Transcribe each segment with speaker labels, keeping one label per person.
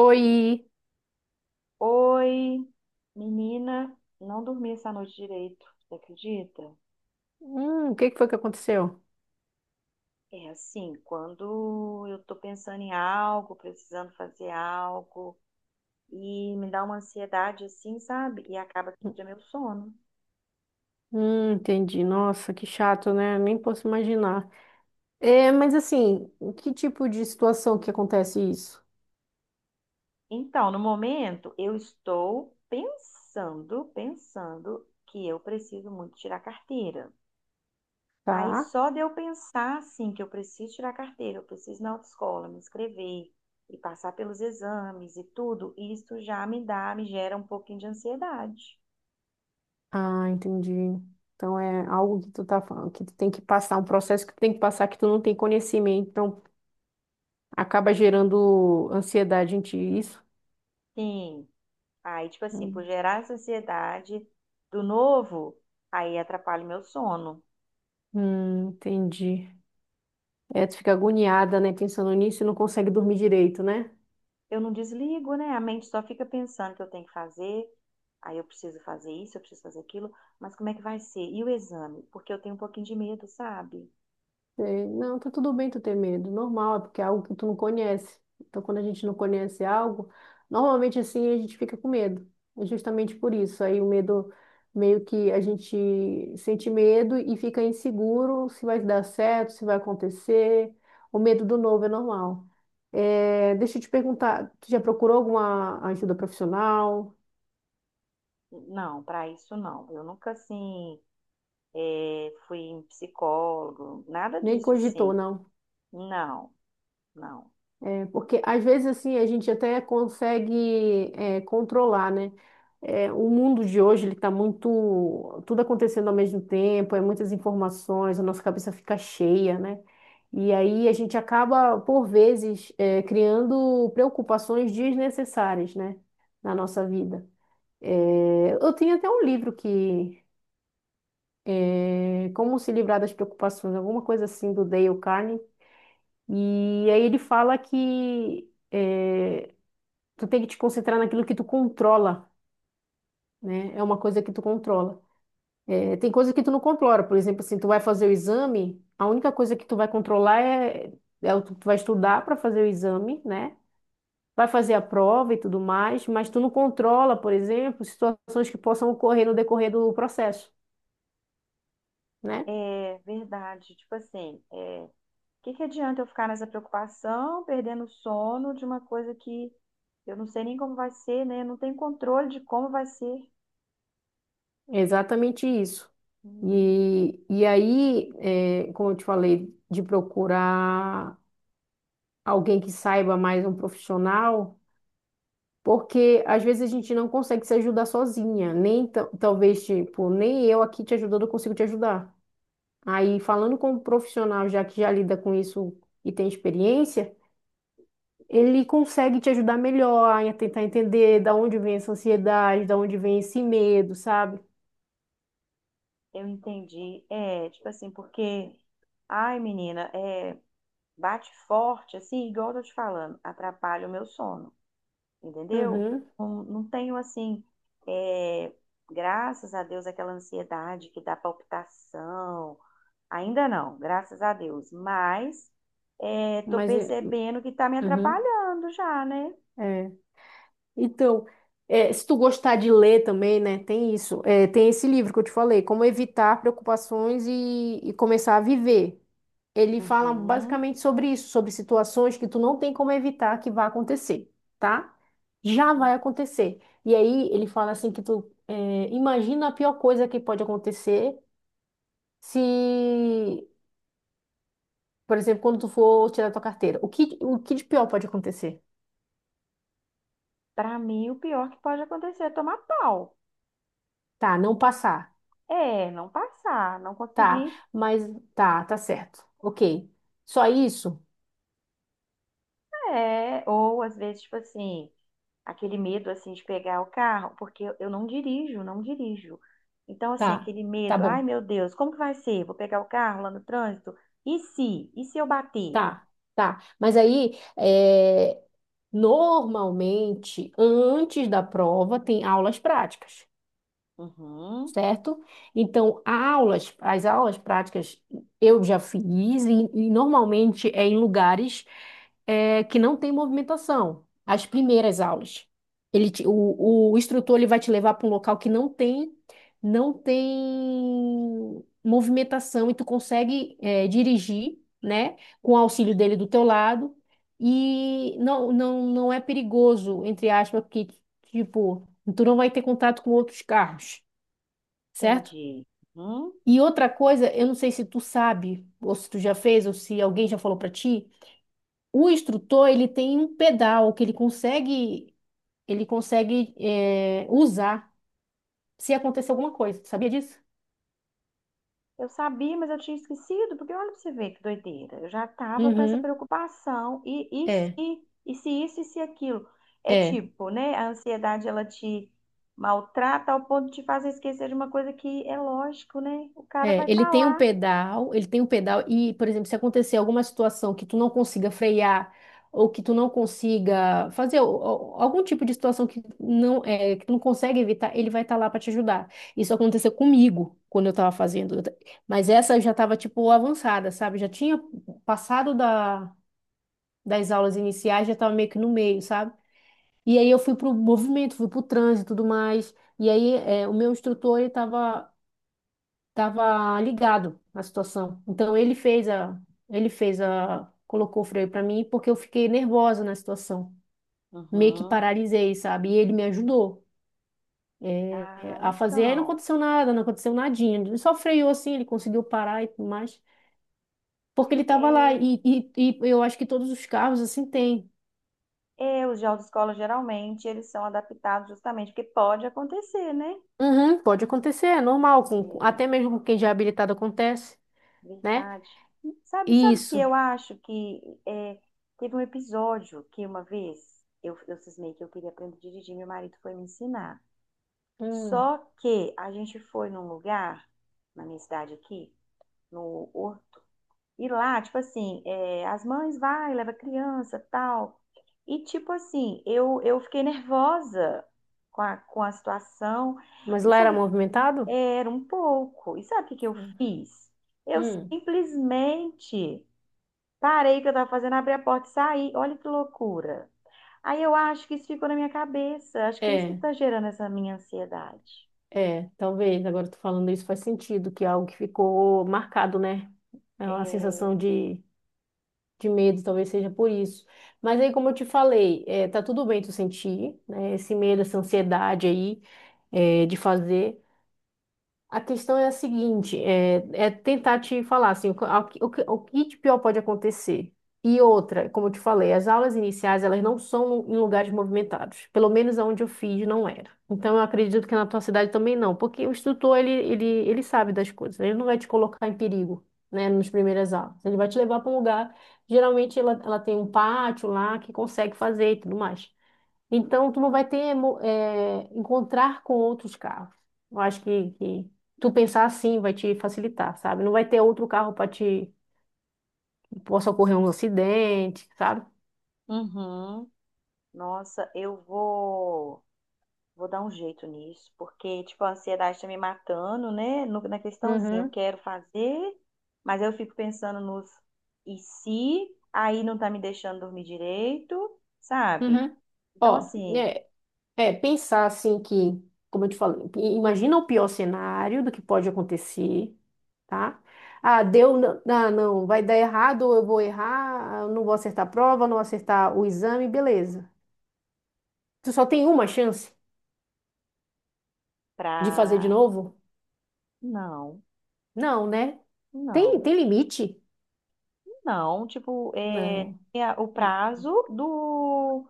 Speaker 1: Oi.
Speaker 2: Oi, menina, não dormi essa noite direito, você acredita?
Speaker 1: O que que foi que aconteceu?
Speaker 2: É assim, quando eu tô pensando em algo, precisando fazer algo, e me dá uma ansiedade assim, sabe? E acaba que é meu sono.
Speaker 1: Entendi. Nossa, que chato, né? Nem posso imaginar. É, mas assim, que tipo de situação que acontece isso?
Speaker 2: Então, no momento, eu estou pensando que eu preciso muito tirar carteira. Aí
Speaker 1: Tá?
Speaker 2: só de eu pensar assim que eu preciso tirar a carteira, eu preciso ir na autoescola, me inscrever e passar pelos exames e tudo, isso já me dá, me gera um pouquinho de ansiedade.
Speaker 1: Ah, entendi. Então é algo que tu tá falando, que tu tem que passar, um processo que tu tem que passar que tu não tem conhecimento, então acaba gerando ansiedade em ti, isso?
Speaker 2: Sim. Aí, tipo assim, por
Speaker 1: Hum,
Speaker 2: gerar essa ansiedade do novo, aí atrapalha o meu sono.
Speaker 1: entendi. É, tu fica agoniada, né, pensando nisso e não consegue dormir direito, né?
Speaker 2: Eu não desligo, né? A mente só fica pensando que eu tenho que fazer, aí eu preciso fazer isso, eu preciso fazer aquilo, mas como é que vai ser? E o exame? Porque eu tenho um pouquinho de medo, sabe?
Speaker 1: Sei. Não, tá tudo bem tu ter medo, normal, é porque é algo que tu não conhece. Então, quando a gente não conhece algo, normalmente assim a gente fica com medo. É justamente por isso. Aí o medo, meio que a gente sente medo e fica inseguro se vai dar certo, se vai acontecer. O medo do novo é normal. É, deixa eu te perguntar, tu já procurou alguma ajuda profissional?
Speaker 2: Não, para isso não. Eu nunca assim fui em psicólogo, nada
Speaker 1: Nem
Speaker 2: disso
Speaker 1: cogitou,
Speaker 2: assim.
Speaker 1: não?
Speaker 2: Não, não.
Speaker 1: É, porque às vezes assim a gente até consegue controlar, né? É, o mundo de hoje ele está muito tudo acontecendo ao mesmo tempo, é muitas informações, a nossa cabeça fica cheia, né? E aí a gente acaba por vezes criando preocupações desnecessárias, né? Na nossa vida. É, eu tenho até um livro que Como se livrar das preocupações, alguma coisa assim do Dale Carnegie. E aí ele fala que tu tem que te concentrar naquilo que tu controla, né? É uma coisa que tu controla. É, tem coisa que tu não controla, por exemplo, assim, tu vai fazer o exame, a única coisa que tu vai controlar é o que tu vai estudar para fazer o exame, né? Vai fazer a prova e tudo mais, mas tu não controla, por exemplo, situações que possam ocorrer no decorrer do processo, né?
Speaker 2: É verdade, tipo assim, o que que adianta eu ficar nessa preocupação, perdendo o sono de uma coisa que eu não sei nem como vai ser, né? Eu não tenho controle de como vai ser.
Speaker 1: É exatamente isso.
Speaker 2: Hum,
Speaker 1: E aí, é, como eu te falei, de procurar alguém que saiba mais um profissional. Porque às vezes a gente não consegue se ajudar sozinha, nem talvez, tipo, nem eu aqui te ajudando, eu consigo te ajudar. Aí, falando com um profissional já que já lida com isso e tem experiência, ele consegue te ajudar melhor a tentar entender da onde vem essa ansiedade, da onde vem esse medo, sabe?
Speaker 2: eu entendi. É, tipo assim, porque, ai, menina, bate forte, assim, igual eu tô te falando, atrapalha o meu sono. Entendeu?
Speaker 1: Uhum,
Speaker 2: Não, não tenho assim, é, graças a Deus, aquela ansiedade que dá palpitação. Ainda não, graças a Deus. Mas tô
Speaker 1: mas,
Speaker 2: percebendo que tá me
Speaker 1: uhum,
Speaker 2: atrapalhando já, né?
Speaker 1: é. Então, é, se tu gostar de ler também, né, tem isso. É, tem esse livro que eu te falei, Como Evitar Preocupações e Começar a Viver. Ele fala
Speaker 2: Uhum.
Speaker 1: basicamente sobre isso, sobre situações que tu não tem como evitar que vá acontecer, tá? Já vai acontecer. E aí ele fala assim que tu imagina a pior coisa que pode acontecer se, por exemplo, quando tu for tirar tua carteira. O que de pior pode acontecer?
Speaker 2: Para mim, o pior que pode acontecer é tomar pau.
Speaker 1: Tá, não passar.
Speaker 2: É, não passar, não
Speaker 1: Tá,
Speaker 2: conseguir.
Speaker 1: mas tá, tá certo. Ok. Só isso?
Speaker 2: É, ou às vezes, tipo assim. Aquele medo assim de pegar o carro, porque eu não dirijo, não dirijo. Então, assim,
Speaker 1: Tá,
Speaker 2: aquele
Speaker 1: tá
Speaker 2: medo, ai
Speaker 1: bom.
Speaker 2: meu Deus, como que vai ser? Vou pegar o carro lá no trânsito? E se? E se eu bater?
Speaker 1: Tá, tá. Mas aí, é, normalmente, antes da prova, tem aulas práticas,
Speaker 2: Uhum,
Speaker 1: certo? Então, as aulas práticas eu já fiz e normalmente é em lugares que não tem movimentação. As primeiras aulas, o instrutor ele vai te levar para um local que não tem, não tem movimentação e tu consegue dirigir, né, com o auxílio dele do teu lado e não é perigoso, entre aspas, porque tipo tu não vai ter contato com outros carros, certo?
Speaker 2: entendi. Uhum.
Speaker 1: E outra coisa, eu não sei se tu sabe, ou se tu já fez, ou se alguém já falou pra ti, o instrutor, ele tem um pedal que ele consegue usar se acontecer alguma coisa. Tu sabia disso?
Speaker 2: Eu sabia, mas eu tinha esquecido, porque olha pra você ver que doideira. Eu já tava com essa
Speaker 1: Uhum.
Speaker 2: preocupação. E, e
Speaker 1: É,
Speaker 2: se? E se isso e se aquilo? É
Speaker 1: é.
Speaker 2: tipo, né? A ansiedade, ela te maltrata ao ponto de te fazer esquecer de uma coisa que é lógico, né? O cara vai
Speaker 1: É, ele
Speaker 2: estar
Speaker 1: tem um
Speaker 2: lá.
Speaker 1: pedal, ele tem um pedal e, por exemplo, se acontecer alguma situação que tu não consiga frear ou que tu não consiga fazer algum tipo de situação que não é, que tu não consegue evitar, ele vai estar lá para te ajudar. Isso aconteceu comigo quando eu estava fazendo, mas essa eu já estava tipo avançada, sabe? Já tinha passado das aulas iniciais, já estava meio que no meio, sabe? E aí eu fui pro movimento, fui pro trânsito e tudo mais. E aí, é, o meu instrutor, ele estava ligado à situação. Então ele fez a, colocou o freio para mim porque eu fiquei nervosa na situação. Meio que
Speaker 2: Uhum.
Speaker 1: paralisei, sabe? E ele me ajudou
Speaker 2: Ah,
Speaker 1: a fazer. Aí não
Speaker 2: então.
Speaker 1: aconteceu nada, não aconteceu nadinha. Ele só freou assim, ele conseguiu parar e tudo mais. Porque ele estava lá.
Speaker 2: É,
Speaker 1: E eu acho que todos os carros assim têm.
Speaker 2: é, os de autoescola geralmente eles são adaptados justamente porque pode acontecer, né?
Speaker 1: Uhum, pode acontecer, é normal.
Speaker 2: É,
Speaker 1: Até mesmo com quem já é habilitado acontece, né?
Speaker 2: verdade. Sabe, sabe que
Speaker 1: Isso.
Speaker 2: eu acho que é, teve um episódio que uma vez eu cismei que eu queria aprender a dirigir, meu marido foi me ensinar.
Speaker 1: Hum.
Speaker 2: Só que a gente foi num lugar, na minha cidade aqui, no. E lá, tipo assim, é, as mães vai, leva criança, tal. E tipo assim, eu fiquei nervosa com a situação.
Speaker 1: Mas
Speaker 2: E
Speaker 1: lá era
Speaker 2: sabe, que-
Speaker 1: movimentado?
Speaker 2: era um pouco. E sabe o que que eu
Speaker 1: Hum.
Speaker 2: fiz? Eu
Speaker 1: Hum.
Speaker 2: simplesmente parei o que eu tava fazendo, abri a porta e saí. Olha que loucura. Aí eu acho que isso ficou na minha cabeça. Acho que é isso que
Speaker 1: É.
Speaker 2: tá gerando essa minha ansiedade.
Speaker 1: É, talvez, agora tu falando isso faz sentido, que é algo que ficou marcado, né? É uma
Speaker 2: É...
Speaker 1: sensação de medo, talvez seja por isso. Mas aí, como eu te falei, é, tá tudo bem tu sentir, né, esse medo, essa ansiedade aí, é, de fazer. A questão é a seguinte, é, é tentar te falar assim, o, que- ao que- o, que o que de pior pode acontecer. E outra, como eu te falei, as aulas iniciais, elas não são em lugares movimentados. Pelo menos onde eu fiz, não era. Então, eu acredito que na tua cidade também não, porque o instrutor, ele sabe das coisas. Ele não vai te colocar em perigo, né, nas primeiras aulas. Ele vai te levar para um lugar, geralmente ela tem um pátio lá que consegue fazer e tudo mais. Então, tu não vai ter encontrar com outros carros. Eu acho que tu pensar assim vai te facilitar, sabe? Não vai ter outro carro para te possa ocorrer um acidente, sabe?
Speaker 2: Uhum. Nossa, eu vou. Vou dar um jeito nisso, porque, tipo, a ansiedade tá me matando, né? No- na questão, assim, eu
Speaker 1: Uhum,
Speaker 2: quero fazer, mas eu fico pensando nos e se, aí não tá me deixando dormir direito, sabe?
Speaker 1: uhum.
Speaker 2: Então,
Speaker 1: Ó,
Speaker 2: assim,
Speaker 1: é, é pensar assim que, como eu te falei, imagina o pior cenário do que pode acontecer, tá? Ah, deu, ah, não, vai dar errado, ou eu vou errar, ah, eu não vou acertar a prova, não vou acertar o exame, beleza. Tu só tem uma chance de fazer de
Speaker 2: pra...
Speaker 1: novo.
Speaker 2: Não,
Speaker 1: Não, né? Tem,
Speaker 2: não,
Speaker 1: tem limite?
Speaker 2: não. Tipo, é,
Speaker 1: Não.
Speaker 2: tem a- o prazo do...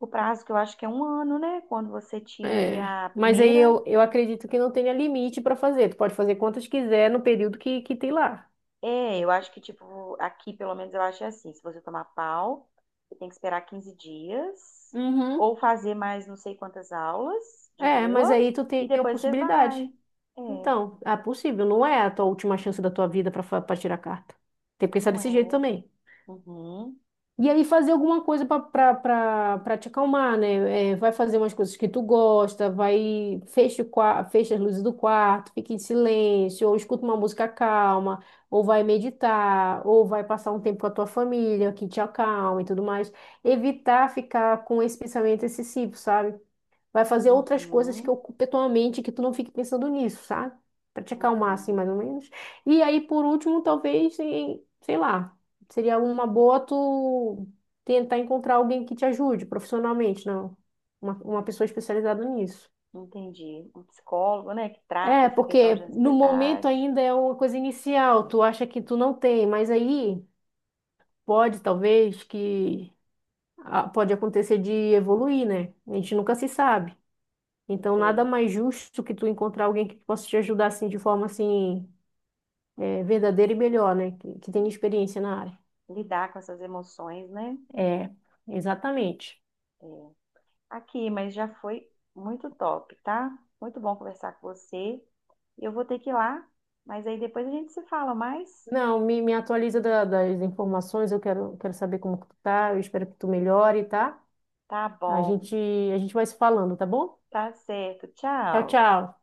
Speaker 2: O prazo que eu acho que é 1 ano, né? Quando você tira ali
Speaker 1: É.
Speaker 2: a
Speaker 1: Mas aí
Speaker 2: primeira.
Speaker 1: eu acredito que não tenha limite para fazer. Tu pode fazer quantas quiser no período que tem lá.
Speaker 2: É, eu acho que, tipo, aqui pelo menos eu acho é assim: se você tomar pau, você tem que esperar 15 dias,
Speaker 1: Uhum.
Speaker 2: ou fazer mais não sei quantas aulas de
Speaker 1: É,
Speaker 2: rua,
Speaker 1: mas aí tu
Speaker 2: e
Speaker 1: tem a
Speaker 2: depois você
Speaker 1: possibilidade.
Speaker 2: vai. É,
Speaker 1: Então, é possível, não é a tua última chance da tua vida para tirar a carta. Tem que pensar
Speaker 2: não
Speaker 1: desse jeito
Speaker 2: é?
Speaker 1: também.
Speaker 2: Uhum,
Speaker 1: E aí fazer alguma coisa para te acalmar, né? É, vai fazer umas coisas que tu gosta, vai fecha, fecha as luzes do quarto, fica em silêncio, ou escuta uma música calma, ou vai meditar, ou vai passar um tempo com a tua família, que te acalma e tudo mais. Evitar ficar com esse pensamento excessivo, sabe? Vai fazer outras coisas que
Speaker 2: uhum,
Speaker 1: ocupem tua mente, que tu não fique pensando nisso, sabe? Pra te acalmar, assim,
Speaker 2: uhum.
Speaker 1: mais ou menos. E aí, por último, talvez, sei lá, seria uma boa tu tentar encontrar alguém que te ajude profissionalmente, não? Uma pessoa especializada nisso.
Speaker 2: Entendi. Um psicólogo, né, que trata
Speaker 1: É,
Speaker 2: essa questão
Speaker 1: porque
Speaker 2: de
Speaker 1: no momento
Speaker 2: ansiedade,
Speaker 1: ainda é uma coisa inicial, tu acha que tu não tem, mas aí pode, talvez, que ah, pode acontecer de evoluir, né? A gente nunca se sabe. Então, nada
Speaker 2: é,
Speaker 1: mais justo que tu encontrar alguém que possa te ajudar assim de forma assim verdadeira e melhor, né? Que tenha experiência na área.
Speaker 2: lidar com essas emoções, né?
Speaker 1: É, exatamente.
Speaker 2: É. Aqui, mas já foi muito top, tá? Muito bom conversar com você. Eu vou ter que ir lá, mas aí depois a gente se fala mais.
Speaker 1: Não, me atualiza das informações, quero saber como que tu tá, eu espero que tu melhore, tá?
Speaker 2: Tá
Speaker 1: A
Speaker 2: bom,
Speaker 1: gente, a gente vai se falando, tá bom?
Speaker 2: tá certo.
Speaker 1: Tchau,
Speaker 2: Tchau.
Speaker 1: tchau.